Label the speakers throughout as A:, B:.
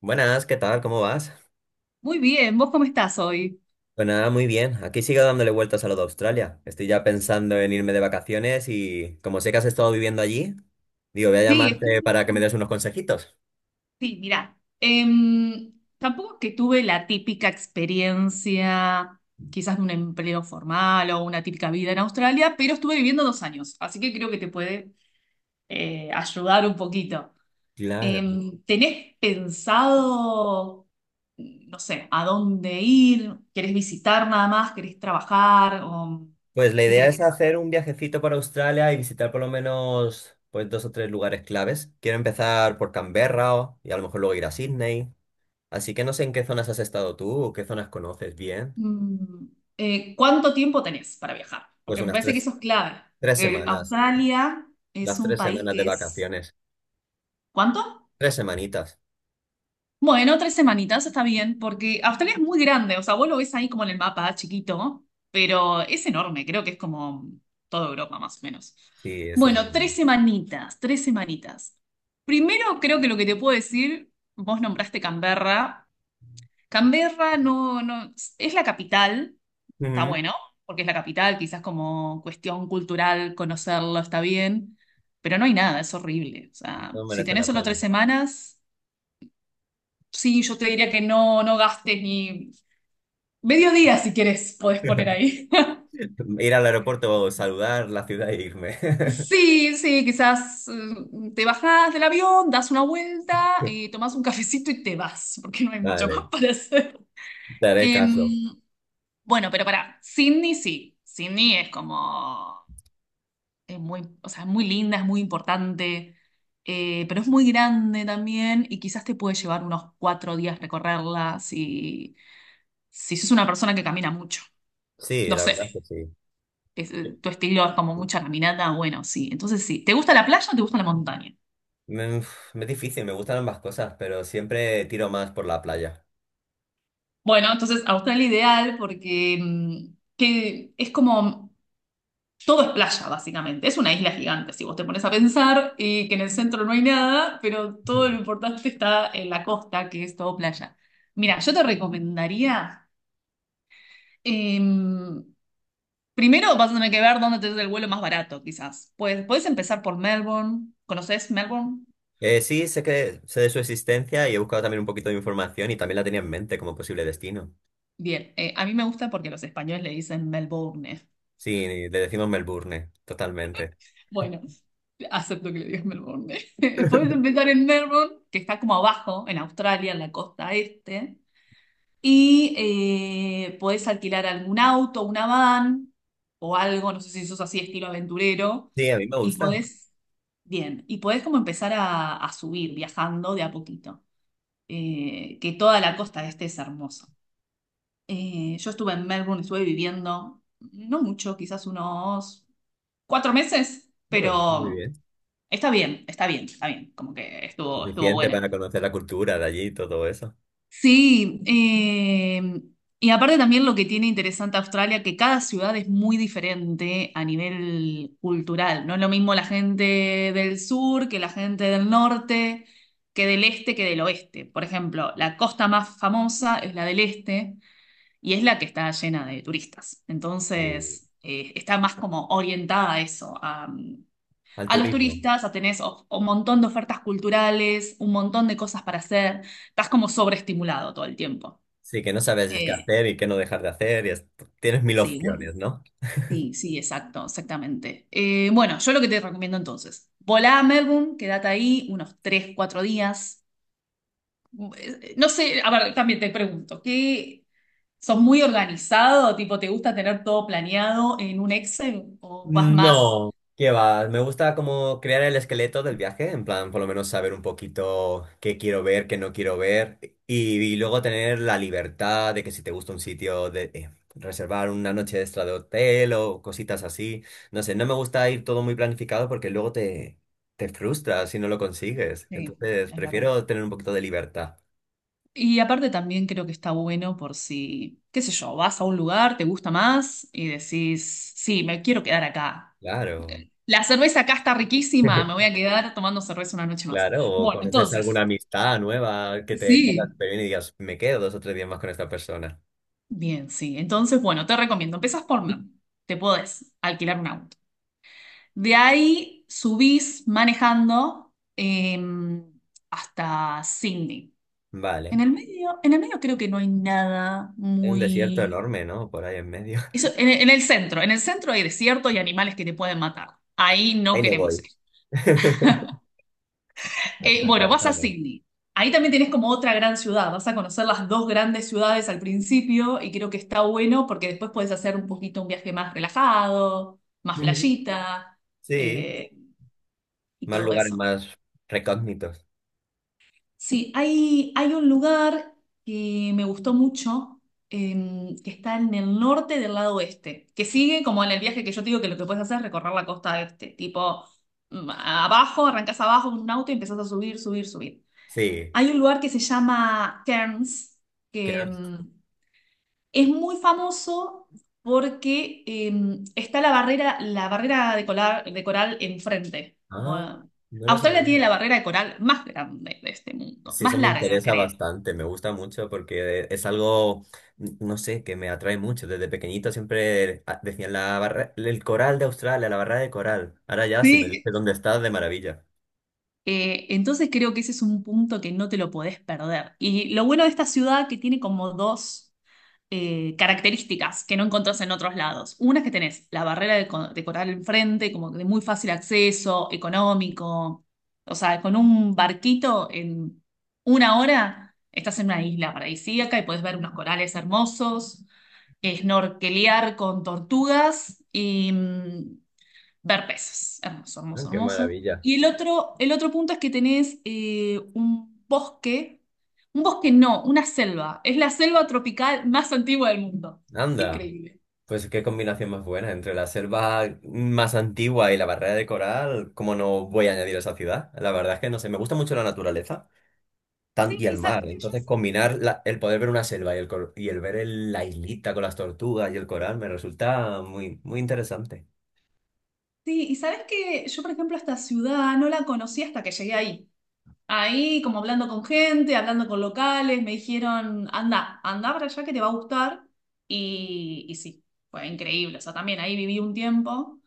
A: Buenas, ¿qué tal? ¿Cómo vas?
B: Muy bien, ¿vos cómo estás hoy?
A: Pues nada, muy bien. Aquí sigo dándole vueltas a lo de Australia. Estoy ya pensando en irme de vacaciones y como sé que has estado viviendo allí, digo, voy a
B: Sí,
A: llamarte
B: estuve.
A: para que me des unos consejitos.
B: Sí, mirá, tampoco es que tuve la típica experiencia, quizás de un empleo formal o una típica vida en Australia, pero estuve viviendo 2 años, así que creo que te puede ayudar un poquito.
A: Claro.
B: ¿Tenés pensado, no sé, a dónde ir? ¿Querés visitar nada más? ¿Querés trabajar? ¿O
A: Pues la
B: qué
A: idea
B: querés?
A: es hacer un viajecito para Australia y visitar por lo menos pues dos o tres lugares claves. Quiero empezar por Canberra y a lo mejor luego ir a Sydney. Así que no sé en qué zonas has estado tú o qué zonas conoces bien.
B: Mm, ¿Cuánto tiempo tenés para viajar?
A: Pues
B: Porque me
A: unas
B: parece que eso es clave.
A: tres
B: Porque
A: semanas,
B: Australia
A: las
B: es un
A: tres
B: país
A: semanas de
B: que es.
A: vacaciones.
B: ¿Cuánto?
A: Tres semanitas.
B: Bueno, tres semanitas está bien, porque Australia es muy grande. O sea, vos lo ves ahí como en el mapa, chiquito, pero es enorme. Creo que es como toda Europa, más o menos.
A: Sí, eso.
B: Bueno, tres semanitas, tres semanitas. Primero, creo que lo que te puedo decir, vos nombraste Canberra. Canberra no, no, es la capital. Está
A: Ujú.
B: bueno, porque es la capital, quizás como cuestión cultural conocerlo está bien, pero no hay nada, es horrible. O sea,
A: No
B: si
A: merece
B: tenés
A: la
B: solo
A: pena.
B: 3 semanas, sí, yo te diría que no, no gastes ni medio día. Si quieres, podés poner ahí.
A: Ir al aeropuerto, saludar la ciudad e irme.
B: Sí, sí, quizás, te bajás del avión, das una vuelta, y tomás un cafecito y te vas, porque no hay mucho más
A: Vale,
B: para hacer.
A: te haré caso.
B: Em, bueno, pero para Sydney sí. Sydney es como, muy, o sea, es muy linda, es muy importante, pero es muy grande también y quizás te puede llevar unos 4 días recorrerla, si sos una persona que camina mucho.
A: Sí,
B: No
A: la
B: sé. Sí,
A: verdad es que
B: es,
A: sí.
B: tu estilo es como mucha caminata, bueno, sí. Entonces sí, ¿te gusta la playa o te gusta la montaña?
A: Me, uf, me es difícil, me gustan ambas cosas, pero siempre tiro más por la playa.
B: Bueno, entonces Australia ideal porque, que es como todo es playa, básicamente. Es una isla gigante, si vos te pones a pensar, y que en el centro no hay nada, pero todo lo importante está en la costa, que es todo playa. Mira, yo te recomendaría, em, primero vas a tener que ver dónde te es el vuelo más barato, quizás. Pues puedes empezar por Melbourne. ¿Conoces Melbourne?
A: Sí, sé que sé de su existencia y he buscado también un poquito de información y también la tenía en mente como posible destino.
B: Bien, a mí me gusta porque los españoles le dicen Melbourne.
A: Sí, le decimos Melbourne, totalmente.
B: Bueno, acepto que le digas Melbourne. Puedes empezar en Melbourne, que está como abajo, en Australia, en la costa este. Y, podés alquilar algún auto, una van o algo, no sé si sos así estilo aventurero,
A: Sí, a mí me
B: y
A: gusta.
B: podés, bien, y podés como empezar a subir viajando de a poquito. Que toda la costa este es hermosa. Yo estuve en Melbourne, estuve viviendo, no mucho, quizás unos 4 meses,
A: No, pues, está muy
B: pero
A: bien.
B: está bien, está bien, está bien, como que estuvo
A: Suficiente
B: bueno.
A: para conocer la cultura de allí y todo eso.
B: Sí, y aparte también lo que tiene interesante Australia, que cada ciudad es muy diferente a nivel cultural. No es lo mismo la gente del sur que la gente del norte, que del este, que del oeste. Por ejemplo, la costa más famosa es la del este y es la que está llena de turistas.
A: Sí,
B: Entonces, está más como orientada a eso,
A: al
B: a los
A: turismo.
B: turistas, a tenés un montón de ofertas culturales, un montón de cosas para hacer, estás como sobreestimulado todo el tiempo.
A: Sí, que no sabes qué
B: Eh,
A: hacer y qué no dejar de hacer. Tienes mil
B: sí,
A: opciones, ¿no?
B: sí, sí, exacto, exactamente. Bueno, yo lo que te recomiendo entonces, volá a Melbourne, quédate ahí unos 3, 4 días. No sé, a ver, también te pregunto, ¿qué, sos muy organizado? Tipo, ¿te gusta tener todo planeado en un Excel o vas más?
A: No, ¿qué va? Me gusta como crear el esqueleto del viaje, en plan, por lo menos saber un poquito qué quiero ver, qué no quiero ver, y luego tener la libertad de que si te gusta un sitio, de reservar una noche extra de hotel o cositas así. No sé, no me gusta ir todo muy planificado porque te frustras si no lo consigues.
B: Sí,
A: Entonces,
B: es verdad.
A: prefiero tener un poquito de libertad.
B: Y aparte también creo que está bueno por si, qué sé yo, vas a un lugar, te gusta más y decís, sí, me quiero quedar acá.
A: Claro.
B: La cerveza acá está riquísima, me voy a quedar tomando cerveza una noche más.
A: Claro, o
B: Bueno,
A: conoces alguna
B: entonces,
A: amistad nueva que te caiga
B: sí,
A: súper bien y digas, me quedo dos o tres días más con esta persona.
B: bien, sí. Entonces, bueno, te recomiendo, empezás por mí, te podés alquilar un auto. De ahí subís manejando, hasta Sydney. En
A: Vale.
B: el medio, en el medio creo que no hay nada
A: Hay un desierto
B: muy.
A: enorme, ¿no? Por ahí en medio.
B: Eso, en el centro hay desierto y animales que te pueden matar. Ahí no
A: Ahí no
B: queremos
A: voy.
B: ir. Bueno, vas a
A: Descartado.
B: Sydney. Ahí también tenés como otra gran ciudad. Vas a conocer las dos grandes ciudades al principio y creo que está bueno porque después puedes hacer un poquito un viaje más relajado, más
A: Ujú.
B: playita,
A: Sí,
B: eh, y
A: más
B: todo
A: lugares
B: eso.
A: más recógnitos.
B: Sí, hay un lugar que me gustó mucho, que está en el norte del lado oeste, que sigue como en el viaje que yo te digo que lo que puedes hacer es recorrer la costa este, tipo, abajo, arrancás abajo con un auto y empezás a subir, subir, subir.
A: Sí.
B: Hay un lugar que se llama Cairns,
A: ¿Qué
B: que,
A: más?
B: es muy famoso porque, está la barrera de coral, enfrente. Como,
A: Ah,
B: ah,
A: no lo
B: Australia tiene
A: sabía.
B: la barrera de coral más grande de este mundo,
A: Sí,
B: más
A: eso me
B: larga,
A: interesa
B: creo.
A: bastante, me gusta mucho porque es no sé, que me atrae mucho. Desde pequeñito siempre decían la barra, el coral de Australia, la barra de coral. Ahora ya, si me
B: Sí.
A: dices dónde estás, de maravilla.
B: Entonces creo que ese es un punto que no te lo podés perder. Y lo bueno de esta ciudad que tiene como dos, características que no encontrás en otros lados. Una es que tenés la barrera de coral enfrente, como de muy fácil acceso, económico. O sea, con un barquito en 1 hora estás en una isla paradisíaca y podés ver unos corales hermosos, snorkelear con tortugas y, ver peces. Hermoso,
A: Ah,
B: hermoso,
A: qué
B: hermoso.
A: maravilla.
B: Y el otro punto es que tenés, un bosque no, una selva. Es la selva tropical más antigua del mundo.
A: Anda,
B: Increíble.
A: pues qué combinación más buena entre la selva más antigua y la barrera de coral. ¿Cómo no voy a añadir esa ciudad? La verdad es que no sé, me gusta mucho la naturaleza.
B: Sí,
A: Y
B: y
A: el
B: sabes
A: mar.
B: que yo,
A: Entonces, el poder ver una selva y y la islita con las tortugas y el coral me resulta muy, muy interesante.
B: sí, y sabes que yo, por ejemplo, esta ciudad no la conocí hasta que llegué ahí. Ahí, como hablando con gente, hablando con locales, me dijeron, anda, anda para allá que te va a gustar. Y sí, fue increíble. O sea, también ahí viví un tiempo.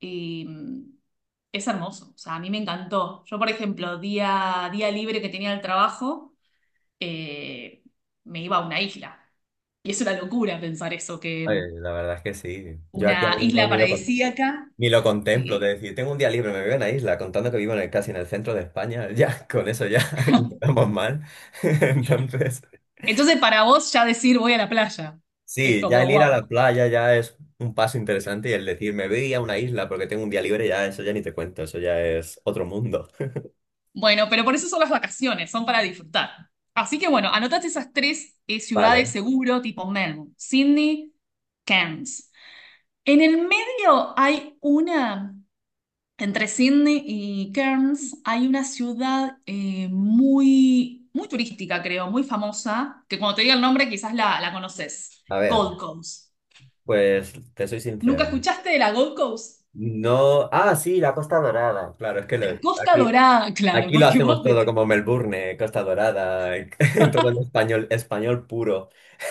B: Y, es hermoso, o sea, a mí me encantó. Yo, por ejemplo, día libre que tenía del trabajo, eh, me iba a una isla. Y es una locura pensar eso, que
A: Oye, la verdad es que sí. Yo aquí
B: una
A: ahora mismo
B: isla paradisíaca.
A: ni lo contemplo. De
B: eh,
A: decir, tengo un día libre, me voy a una isla, contando que vivo en casi en el centro de España. Ya, con eso ya empezamos mal. Entonces,
B: Entonces, para vos ya decir voy a la playa, es
A: sí, ya
B: como,
A: el ir a
B: wow.
A: la playa ya es un paso interesante y el decir, me voy a una isla porque tengo un día libre, ya eso ya ni te cuento, eso ya es otro mundo.
B: Bueno, pero por eso son las vacaciones, son para disfrutar. Así que bueno, anotaste esas tres, ciudades
A: Vale,
B: seguro, tipo Melbourne, Sydney, Cairns. En el medio hay una Entre Sydney y Cairns hay una ciudad, muy, muy turística, creo, muy famosa, que cuando te diga el nombre quizás la conoces,
A: a
B: Gold
A: ver,
B: Coast.
A: pues te soy
B: ¿Nunca
A: sincero.
B: escuchaste de la Gold Coast?
A: No, ah, sí, la Costa Dorada.
B: La Costa
A: Aquí,
B: Dorada, claro,
A: aquí lo
B: porque
A: hacemos
B: vos,
A: todo como Melbourne, Costa Dorada, todo en español, español puro.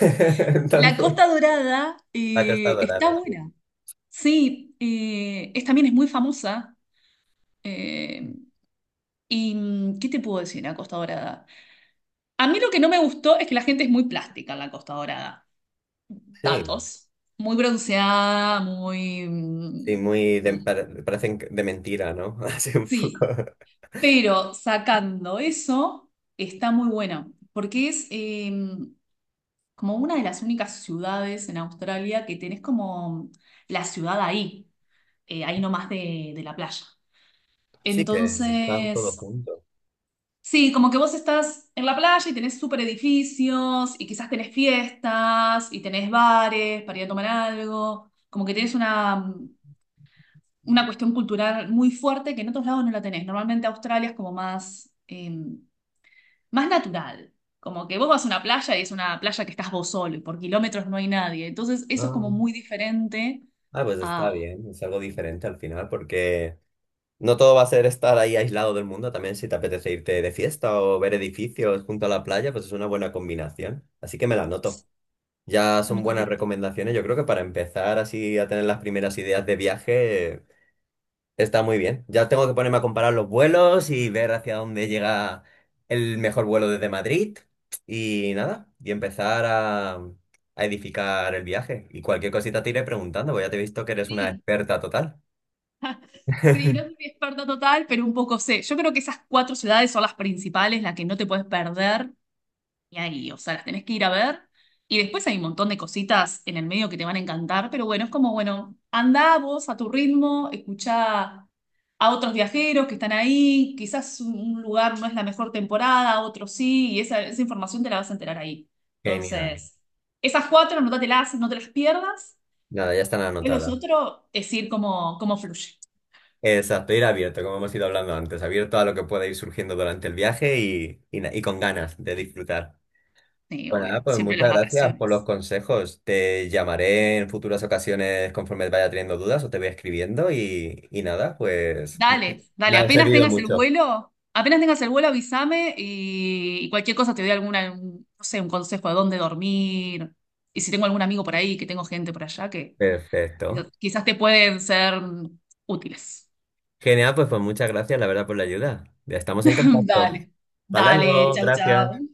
B: La
A: Entonces,
B: Costa Dorada,
A: la Costa
B: está
A: Dorada, sí.
B: buena. Sí, es, también es muy famosa. eh, ¿Y, qué te puedo decir de la Costa Dorada? A mí lo que no me gustó es que la gente es muy plástica en la Costa Dorada.
A: Sí,
B: Datos. Muy bronceada, muy,
A: sí, muy parecen de mentira, ¿no? Así un poco.
B: sí, pero sacando eso, está muy buena, porque es, como una de las únicas ciudades en Australia que tenés como la ciudad ahí, ahí nomás de la playa.
A: Sí que están
B: Entonces,
A: todos juntos.
B: sí, como que vos estás en la playa y tenés super edificios y quizás tenés fiestas y tenés bares para ir a tomar algo, como que tenés una cuestión cultural muy fuerte que en otros lados no la tenés. Normalmente Australia es como más, más natural. Como que vos vas a una playa y es una playa que estás vos solo y por kilómetros no hay nadie. Entonces, eso es como
A: Ah,
B: muy diferente
A: ah, pues está
B: a,
A: bien, es algo diferente al final, porque no todo va a ser estar ahí aislado del mundo, también si te apetece irte de fiesta o ver edificios junto a la playa, pues es una buena combinación. Así que me la noto. Ya
B: a
A: son buenas
B: Nutatela.
A: recomendaciones. Yo creo que para empezar así a tener las primeras ideas de viaje está muy bien. Ya tengo que ponerme a comparar los vuelos y ver hacia dónde llega el mejor vuelo desde Madrid. Y nada, y a edificar el viaje. Y cualquier cosita te iré preguntando, porque ya te he visto que eres una
B: Sí,
A: experta total.
B: sí, no soy experta total, pero un poco sé. Yo creo que esas cuatro ciudades son las principales, las que no te puedes perder. Y ahí, o sea, las tenés que ir a ver. Y después hay un montón de cositas en el medio que te van a encantar, pero bueno, es como, bueno, andá vos a tu ritmo, escuchá a otros viajeros que están ahí, quizás un lugar no es la mejor temporada, otro sí, y esa información te la vas a enterar ahí.
A: Genial.
B: Entonces, esas cuatro, anótatelas, no te las pierdas,
A: Nada, ya están
B: y los
A: anotadas.
B: otros es ir como, como fluye.
A: Exacto, ir abierto, como hemos ido hablando antes, abierto a lo que pueda ir surgiendo durante el viaje y con ganas de disfrutar.
B: Sí,
A: Bueno, nada,
B: obvio,
A: pues
B: siempre
A: muchas
B: las
A: gracias por los
B: vacaciones.
A: consejos. Te llamaré en futuras ocasiones conforme vaya teniendo dudas o te voy y nada, pues
B: Dale,
A: me
B: dale,
A: ha
B: apenas
A: servido
B: tengas el
A: mucho.
B: vuelo, apenas tengas el vuelo, avísame y, cualquier cosa te doy alguna, no sé, un consejo de dónde dormir. Y si tengo algún amigo por ahí, que tengo gente por allá que
A: Perfecto.
B: quizás te pueden ser útiles.
A: Genial, pues, pues muchas gracias, la verdad, por la ayuda. Ya estamos en contacto.
B: Dale,
A: Hasta
B: dale,
A: luego,
B: chau,
A: gracias.
B: chau.